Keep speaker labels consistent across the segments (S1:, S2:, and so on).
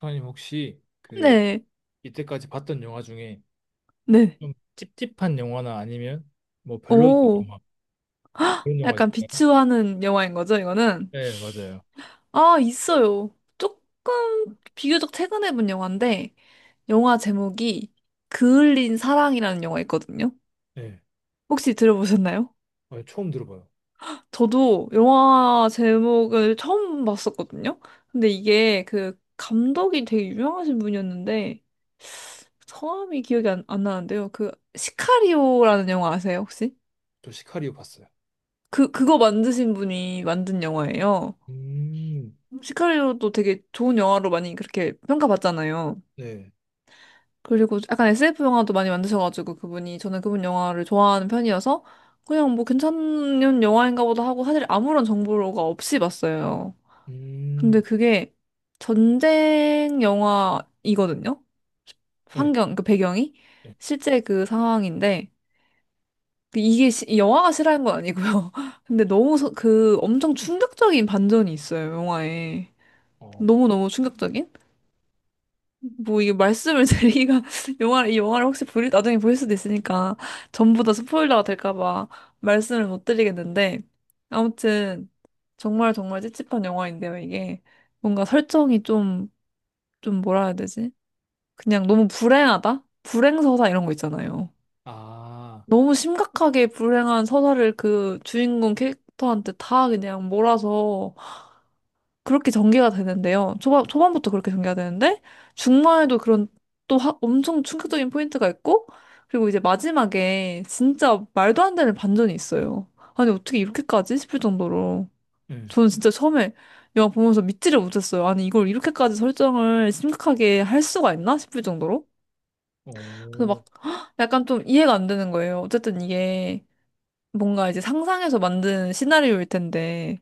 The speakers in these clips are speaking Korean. S1: 선생님 혹시 그
S2: 네,
S1: 이때까지 봤던 영화 중에
S2: 네.
S1: 좀 찝찝한 영화나 아니면 뭐 별로
S2: 오,
S1: 영화 그런 영화
S2: 약간
S1: 있을까요?
S2: 비추하는 영화인 거죠, 이거는?
S1: 네, 맞아요.
S2: 아, 있어요. 조금 비교적 최근에 본 영화인데, 영화 제목이 그을린 사랑이라는 영화 있거든요.
S1: 네,
S2: 혹시 들어보셨나요?
S1: 아니, 처음 들어봐요.
S2: 저도 영화 제목을 처음 봤었거든요. 근데 이게 그 감독이 되게 유명하신 분이었는데, 성함이 기억이 안 나는데요. 그 시카리오라는 영화 아세요, 혹시?
S1: 저 시카리오 봤어요.
S2: 그거 만드신 분이 만든 영화예요.
S1: 음,
S2: 시카리오도 되게 좋은 영화로 많이 그렇게 평가받잖아요.
S1: 네,
S2: 그리고 약간 SF 영화도 많이 만드셔가지고 그분이 저는 그분 영화를 좋아하는 편이어서 그냥 뭐 괜찮은 영화인가 보다 하고 사실 아무런 정보가 없이 봤어요. 근데
S1: 음,
S2: 그게 전쟁 영화이거든요.
S1: 네,
S2: 환경, 그 배경이
S1: 네,
S2: 실제 그 상황인데 그 이게 이 영화가 싫어하는 건 아니고요. 근데 너무 그 엄청 충격적인 반전이 있어요, 영화에.
S1: 어, 그-
S2: 너무너무 충격적인? 뭐 이게 말씀을 드리기가 영화를 이 영화를 혹시 보일 나중에 보일 수도 있으니까 전부 다 스포일러가 될까 봐 말씀을 못 드리겠는데 아무튼 정말 정말 찝찝한 영화인데요 이게 뭔가 설정이 좀 좀 뭐라 해야 되지? 그냥 너무 불행하다? 불행서사 이런 거 있잖아요.
S1: 아,
S2: 너무 심각하게 불행한 서사를 그 주인공 캐릭터한테 다 그냥 몰아서 그렇게 전개가 되는데요. 초반부터 그렇게 전개가 되는데, 중반에도 그런 또 엄청 충격적인 포인트가 있고, 그리고 이제 마지막에 진짜 말도 안 되는 반전이 있어요. 아니, 어떻게 이렇게까지? 싶을 정도로.
S1: 네,
S2: 저는 진짜 처음에 영화 보면서 믿지를 못했어요. 아니, 이걸 이렇게까지 설정을 심각하게 할 수가 있나? 싶을 정도로. 그래서
S1: 오,
S2: 막 헉, 약간 좀 이해가 안 되는 거예요. 어쨌든 이게 뭔가 이제 상상해서 만든 시나리오일 텐데,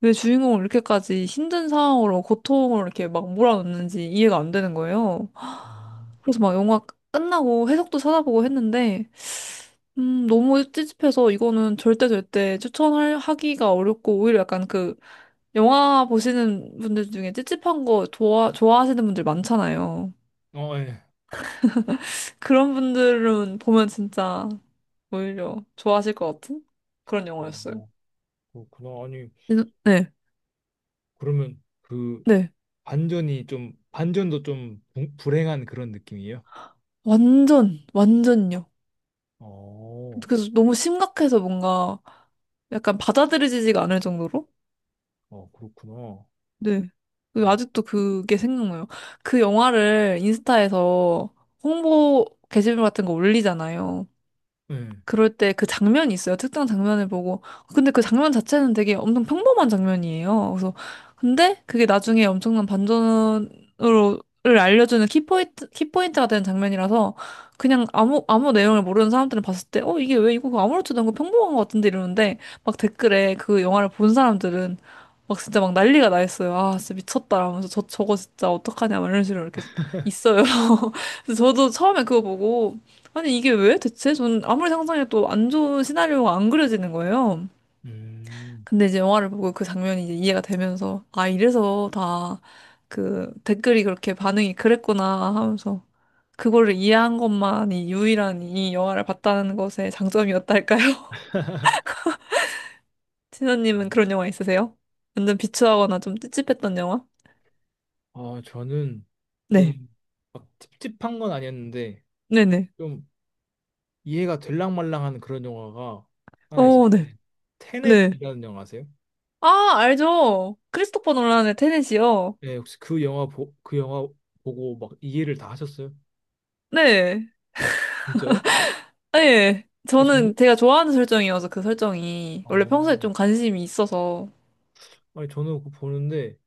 S2: 왜 주인공을 이렇게까지 힘든 상황으로 고통을 이렇게 막 몰아넣는지 이해가 안 되는 거예요.
S1: 음.
S2: 그래서 막 영화 끝나고 해석도 찾아보고 했는데, 너무 찝찝해서 이거는 절대 절대 추천하기가 어렵고, 오히려 약간 그, 영화 보시는 분들 중에 찝찝한 거 좋아하시는 분들 많잖아요.
S1: 어, 예,
S2: 그런 분들은 보면 진짜 오히려 좋아하실 것 같은 그런
S1: 어,
S2: 영화였어요.
S1: 뭐, 그렇구나. 아니,
S2: 네, 네.
S1: 그러면 그
S2: 네.
S1: 반전이 좀 반전도 좀 불행한 그런 느낌이에요?
S2: 완전, 완전요.
S1: 어,
S2: 그래서 너무 심각해서 뭔가 약간 받아들여지지가 않을 정도로?
S1: 어, 그렇구나.
S2: 네. 그
S1: 어,
S2: 아직도 그게 생각나요. 그 영화를 인스타에서 홍보 게시물 같은 거 올리잖아요.
S1: 네.
S2: 그럴 때 그 장면이 있어요. 특정 장면을 보고. 근데 그 장면 자체는 되게 엄청 평범한 장면이에요. 그래서, 근데 그게 나중에 엄청난 반전으로, 를 알려주는 키포인트가 되는 장면이라서 그냥 아무 내용을 모르는 사람들은 봤을 때, 어, 이게 왜 이거 그거 아무렇지도 않고 평범한 것 같은데 이러는데 막 댓글에 그 영화를 본 사람들은 막 진짜 막 난리가 나 있어요. 아, 진짜 미쳤다. 하면서 저거 진짜 어떡하냐. 막 이런 식으로 이렇게 있어요. 그래서 저도 처음에 그거 보고 아니, 이게 왜 대체? 저는 아무리 상상해도 안 좋은 시나리오가 안 그려지는 거예요.
S1: 음.
S2: 근데 이제 영화를 보고 그 장면이 이제 이해가 되면서, 아, 이래서 다 그 댓글이 그렇게 반응이 그랬구나 하면서, 그거를 이해한 것만이 유일한 이 영화를 봤다는 것의 장점이었달까요? 신현님은 그런 영화 있으세요? 완전 비추하거나 좀 찝찝했던 영화?
S1: 아, 저는
S2: 네.
S1: 좀 막 찝찝한 건 아니었는데
S2: 네네.
S1: 좀 이해가 될랑말랑한 그런 영화가 하나 있어요.
S2: 어, 네.
S1: 네.
S2: 네.
S1: 테넷이라는 영화 아세요?
S2: 아, 알죠. 크리스토퍼 놀란의 테넷이요.
S1: 네, 혹시 그 영화 보, 그 영화 보고 막 이해를 다 하셨어요?
S2: 네.
S1: 진짜요?
S2: 예.
S1: 아니, 저는
S2: 저는 제가 좋아하는 설정이어서 그 설정이 원래
S1: 어.
S2: 평소에 좀 관심이 있어서.
S1: 아니, 저는 그거 보는데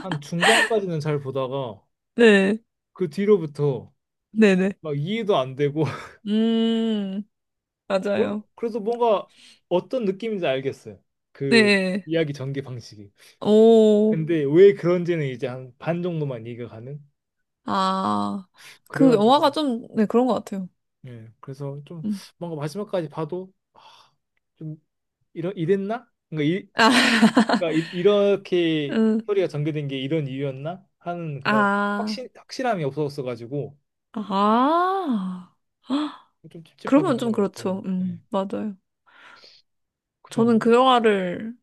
S1: 한 중반까지는 잘 보다가
S2: 네.
S1: 그 뒤로부터
S2: 네네.
S1: 막 이해도 안 되고
S2: 음,
S1: 그래-
S2: 맞아요.
S1: 그래서 뭔가 어떤 느낌인지 알겠어요. 그
S2: 네.
S1: 이야기 전개 방식이.
S2: 오.
S1: 근데 왜 그런지는 이제 한 반 정도만 이해가 가는?
S2: 아. 그
S1: 그래가지고
S2: 영화가 좀, 네, 그런 것 같아요.
S1: 예, 그래서 좀
S2: 음.
S1: 뭔가 마지막까지 봐도 아, 좀 이러 이랬나?
S2: 아,
S1: 그러니까 이렇게
S2: 음.
S1: 스토리가 전개된 게 이런 이유였나? 하는 그런
S2: 아.
S1: 확신 확실함이 없었어가지고
S2: 아.
S1: 좀 찝찝하긴
S2: 그러면 좀
S1: 하더라고요.
S2: 그렇죠.
S1: 그거는. 예,
S2: 맞아요.
S1: 그
S2: 저는
S1: 정도?
S2: 그 영화를,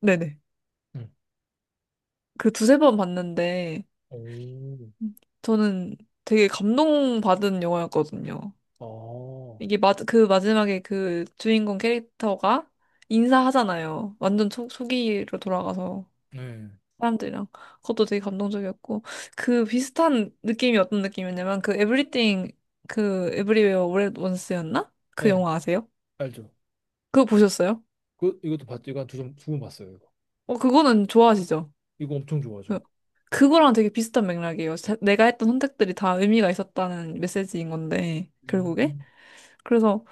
S2: 네네.
S1: 응.
S2: 그 두세 번 봤는데,
S1: 오,
S2: 저는 되게 감동받은 영화였거든요.
S1: 아,
S2: 이게 마, 그 마지막에 그 주인공 캐릭터가 인사하잖아요. 완전 초, 초기로 돌아가서
S1: 네,
S2: 사람들이랑. 그것도 되게 감동적이었고. 그 비슷한 느낌이 어떤 느낌이었냐면 그 에브리띵 그 에브리웨어 올 원스였나? 그
S1: 네
S2: 영화 아세요?
S1: 알죠.
S2: 그거 보셨어요?
S1: 그 이것도 봤죠. 이거 한 두번 봤어요. 이거
S2: 어, 그거는 좋아하시죠?
S1: 이거 엄청
S2: 그-
S1: 좋아하죠.
S2: 그거랑 되게 비슷한 맥락이에요. 내가 했던 선택들이 다 의미가 있었다는 메시지인 건데,
S1: 음,
S2: 결국에. 그래서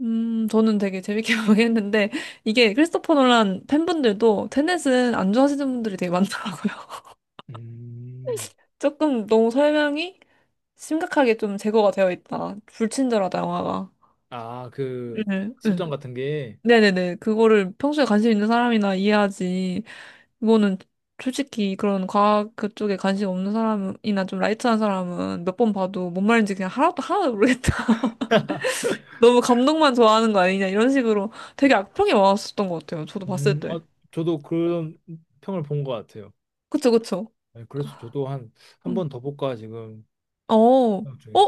S2: 저는 되게 재밌게 보긴 했는데, 이게 크리스토퍼 놀란 팬분들도 테넷은 안 좋아하시는 분들이 되게 많더라고요.
S1: 음.
S2: 조금 너무 설명이 심각하게 좀 제거가 되어 있다. 불친절하다, 영화가.
S1: 아,
S2: 네,
S1: 그
S2: 네.
S1: 설정 같은 게,
S2: 네네네. 그거를 평소에 관심 있는 사람이나 이해하지. 이거는 솔직히 그런 과학 그쪽에 관심 없는 사람이나 좀 라이트한 사람은 몇 번 봐도 뭔 말인지 그냥 하나도 모르겠다. 너무 감동만 좋아하는 거 아니냐, 이런 식으로 되게 악평이 많았었던 것 같아요. 저도 봤을 때.
S1: 어, 저도 그런 평을 본 것 같아요.
S2: 그쵸, 그쵸.
S1: 네, 그래서 저도 한, 한 번
S2: 음.
S1: 더 볼까 지금
S2: 어, 어?
S1: 생각 중에.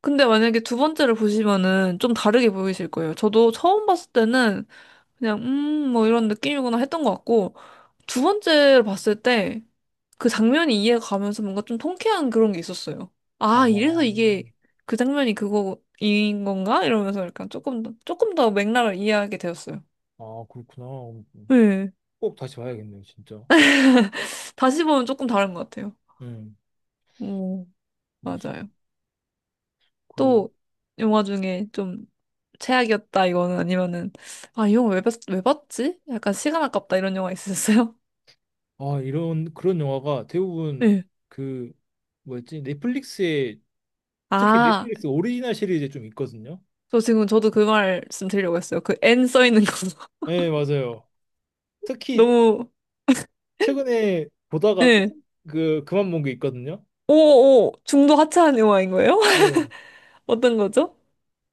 S2: 근데 만약에 두 번째를 보시면은 좀 다르게 보이실 거예요. 저도 처음 봤을 때는 그냥, 뭐 이런 느낌이구나 했던 것 같고, 두 번째를 봤을 때 그 장면이 이해가 가면서 뭔가 좀 통쾌한 그런 게 있었어요.
S1: 아,
S2: 아, 이래서 이게 그 장면이 그거인 건가? 이러면서 약간 조금 더, 조금 더 맥락을 이해하게 되었어요.
S1: 아, 그렇구나. 어,
S2: 네.
S1: 꼭 다시 봐야겠네요, 진짜.
S2: 다시 보면 조금 다른 것 같아요.
S1: 음,
S2: 오,
S1: 그렇습니다.
S2: 맞아요.
S1: 그리고,
S2: 또 영화 중에 좀 최악이었다 이거는 아니면은 아, 이 영화 왜, 봤, 왜 봤지? 약간 시간 아깝다 이런 영화 있으셨어요?
S1: 아, 이런, 그런 영화가 대부분
S2: 네.
S1: 그, 뭐였지? 넷플릭스에, 특히
S2: 아,
S1: 넷플릭스 오리지널 시리즈에 좀 있거든요.
S2: 저 지금 저도 그 말씀 드리려고 했어요. 그 N 써 있는 거
S1: 네, 맞아요. 특히
S2: 너무
S1: 최근에 보다가 끝,
S2: 예.
S1: 그, 그만 본 게 있거든요.
S2: 오오 중도 하차한 영화인 거예요?
S1: 네.
S2: 어떤 거죠?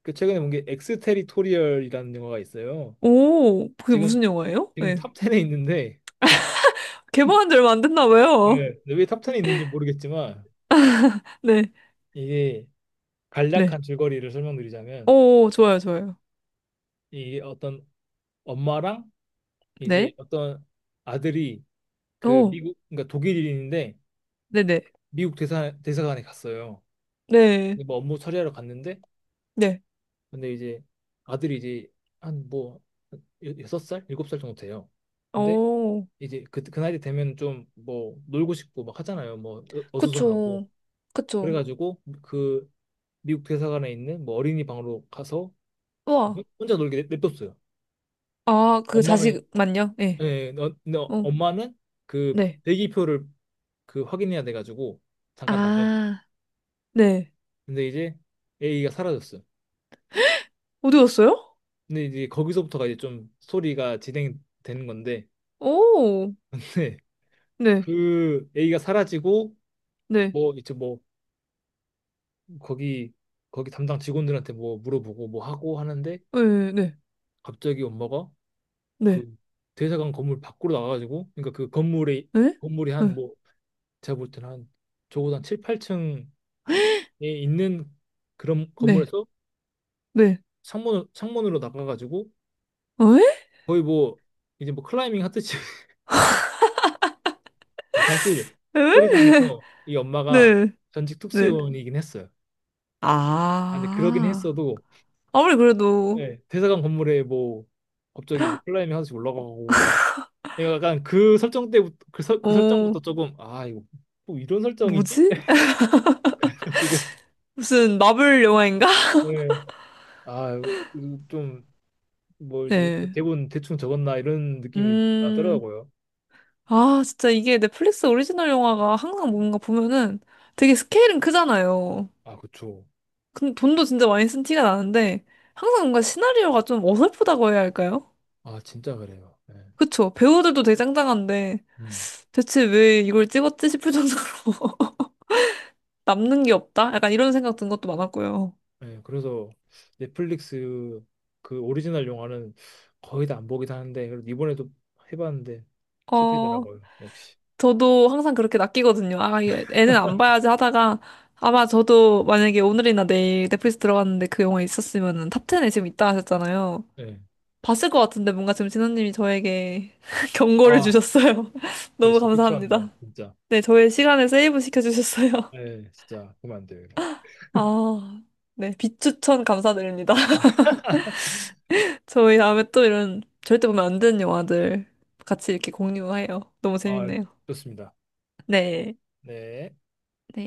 S1: 그 최근에 본 게 엑스테리토리얼이라는 영화가 있어요.
S2: 오, 그게
S1: 지금
S2: 무슨 영화예요?
S1: 지금
S2: 네.
S1: 탑 10에 있는데
S2: 개봉한 지 얼마 안 됐나
S1: 네.
S2: 봐요.
S1: 근데 왜탑 10에 있는지 모르겠지만
S2: 네.
S1: 이게
S2: 네.
S1: 간략한 줄거리를 설명드리자면
S2: 오, 좋아요, 좋아요.
S1: 이게 어떤 엄마랑 이제
S2: 네.
S1: 어떤 아들이 그
S2: 오,
S1: 미국 그러니까 독일인인데
S2: 네네.
S1: 미국 대사관에 갔어요.
S2: 네.
S1: 근데 뭐 업무 처리하러 갔는데
S2: 네.
S1: 근데 이제 아들이 이제 한 뭐 여섯 살 일곱 살 정도 돼요. 근데
S2: 오,
S1: 이제 그 나이 되면 좀 뭐 놀고 싶고 막 하잖아요. 뭐 어수선하고.
S2: 그쵸. 그쵸.
S1: 그래가지고 그 미국 대사관에 있는 뭐 어린이 방으로 가서 그
S2: 우와.
S1: 혼- 자 놀게 냅- 냅뒀어요.
S2: 아, 그
S1: 엄마는
S2: 자식만요? 예.
S1: 예,
S2: 어,
S1: 엄마는 그
S2: 네.
S1: 대기표를 그 확인해야 돼가지고 잠깐 나가고.
S2: 아, 네.
S1: 근데 이제 A가 사라졌어요.
S2: 어디 갔어요?
S1: 근데 이제 거기서부터가 이제 좀 스토리가 진행되는 건데
S2: 오,
S1: 네,
S2: 네,
S1: 그 A가 사라지고
S2: 네,
S1: 뭐 이제 뭐 거기 거기 담당 직원들한테 뭐 물어보고 뭐 하고 하는데
S2: 네, 네,
S1: 갑자기 엄마가
S2: 네,
S1: 그 대사관 건물 밖으로 나가가지고 그러니까 그 건물에
S2: 네,
S1: 건물이 한
S2: 네,
S1: 뭐 제가 볼 때는 한 적어도 한 7, 8층에 있는 그런
S2: 네,
S1: 건물에서
S2: 네,
S1: 창문으로 나가가지고
S2: 어, 에?
S1: 거의 뭐 이제 뭐 클라이밍 하듯이 사실
S2: 에?
S1: 소리장에서 이 엄마가
S2: 네,
S1: 전직
S2: 네.
S1: 특수요원이긴 했어요. 아, 근데 그러긴
S2: 아,
S1: 했어도
S2: 아무리 그래도,
S1: 예, 대사관 건물에 뭐 갑자기 뭐 클라이밍 하듯이 올라가고 내가 약간 그 설정 때부터 그, 설, 그
S2: 어,
S1: 설정부터 조금 아 이거 뭐 이런 설정이지?
S2: 뭐지?
S1: 가지고
S2: 무슨 마블 영화인가?
S1: 네. 아, 좀 뭐지?
S2: 네.
S1: 대본 대충 적었나 이런 느낌이
S2: 음,
S1: 나더라고요.
S2: 아, 진짜 이게 넷플릭스 오리지널 영화가 항상 뭔가 보면은 되게 스케일은 크잖아요.
S1: 아, 그쵸.
S2: 근데 돈도 진짜 많이 쓴 티가 나는데 항상 뭔가 시나리오가 좀 어설프다고 해야 할까요?
S1: 아, 진짜 그래요. 예
S2: 그쵸? 배우들도 되게 짱짱한데
S1: 음.
S2: 대체 왜 이걸 찍었지 싶을 정도로 남는 게 없다? 약간 이런 생각 든 것도 많았고요.
S1: 예 그래서 넷플릭스 그 오리지널 영화는 거의 다 안 보긴 하는데 그래도 이번에도 해봤는데
S2: 어,
S1: 실패더라고요. 역시.
S2: 저도 항상 그렇게 낚이거든요. 아, 애는 안 봐야지 하다가 아마 저도 만약에 오늘이나 내일 넷플릭스 들어갔는데 그 영화 있었으면은 탑10에 지금 있다 하셨잖아요.
S1: 예
S2: 봤을 것 같은데 뭔가 지금 진호님이 저에게 경고를
S1: 아,
S2: 주셨어요.
S1: 저
S2: 너무
S1: 진짜 비추합니다.
S2: 감사합니다.
S1: 진짜.
S2: 네, 저의 시간을 세이브 시켜주셨어요.
S1: 네, 진짜 그러면 안 돼요. 이거.
S2: 아, 네, 빛추천 감사드립니다. 저희 다음에 또 이런 절대 보면 안 되는 영화들 같이 이렇게 공유해요. 너무
S1: 아,
S2: 재밌네요.
S1: 좋습니다.
S2: 네.
S1: 네.
S2: 네.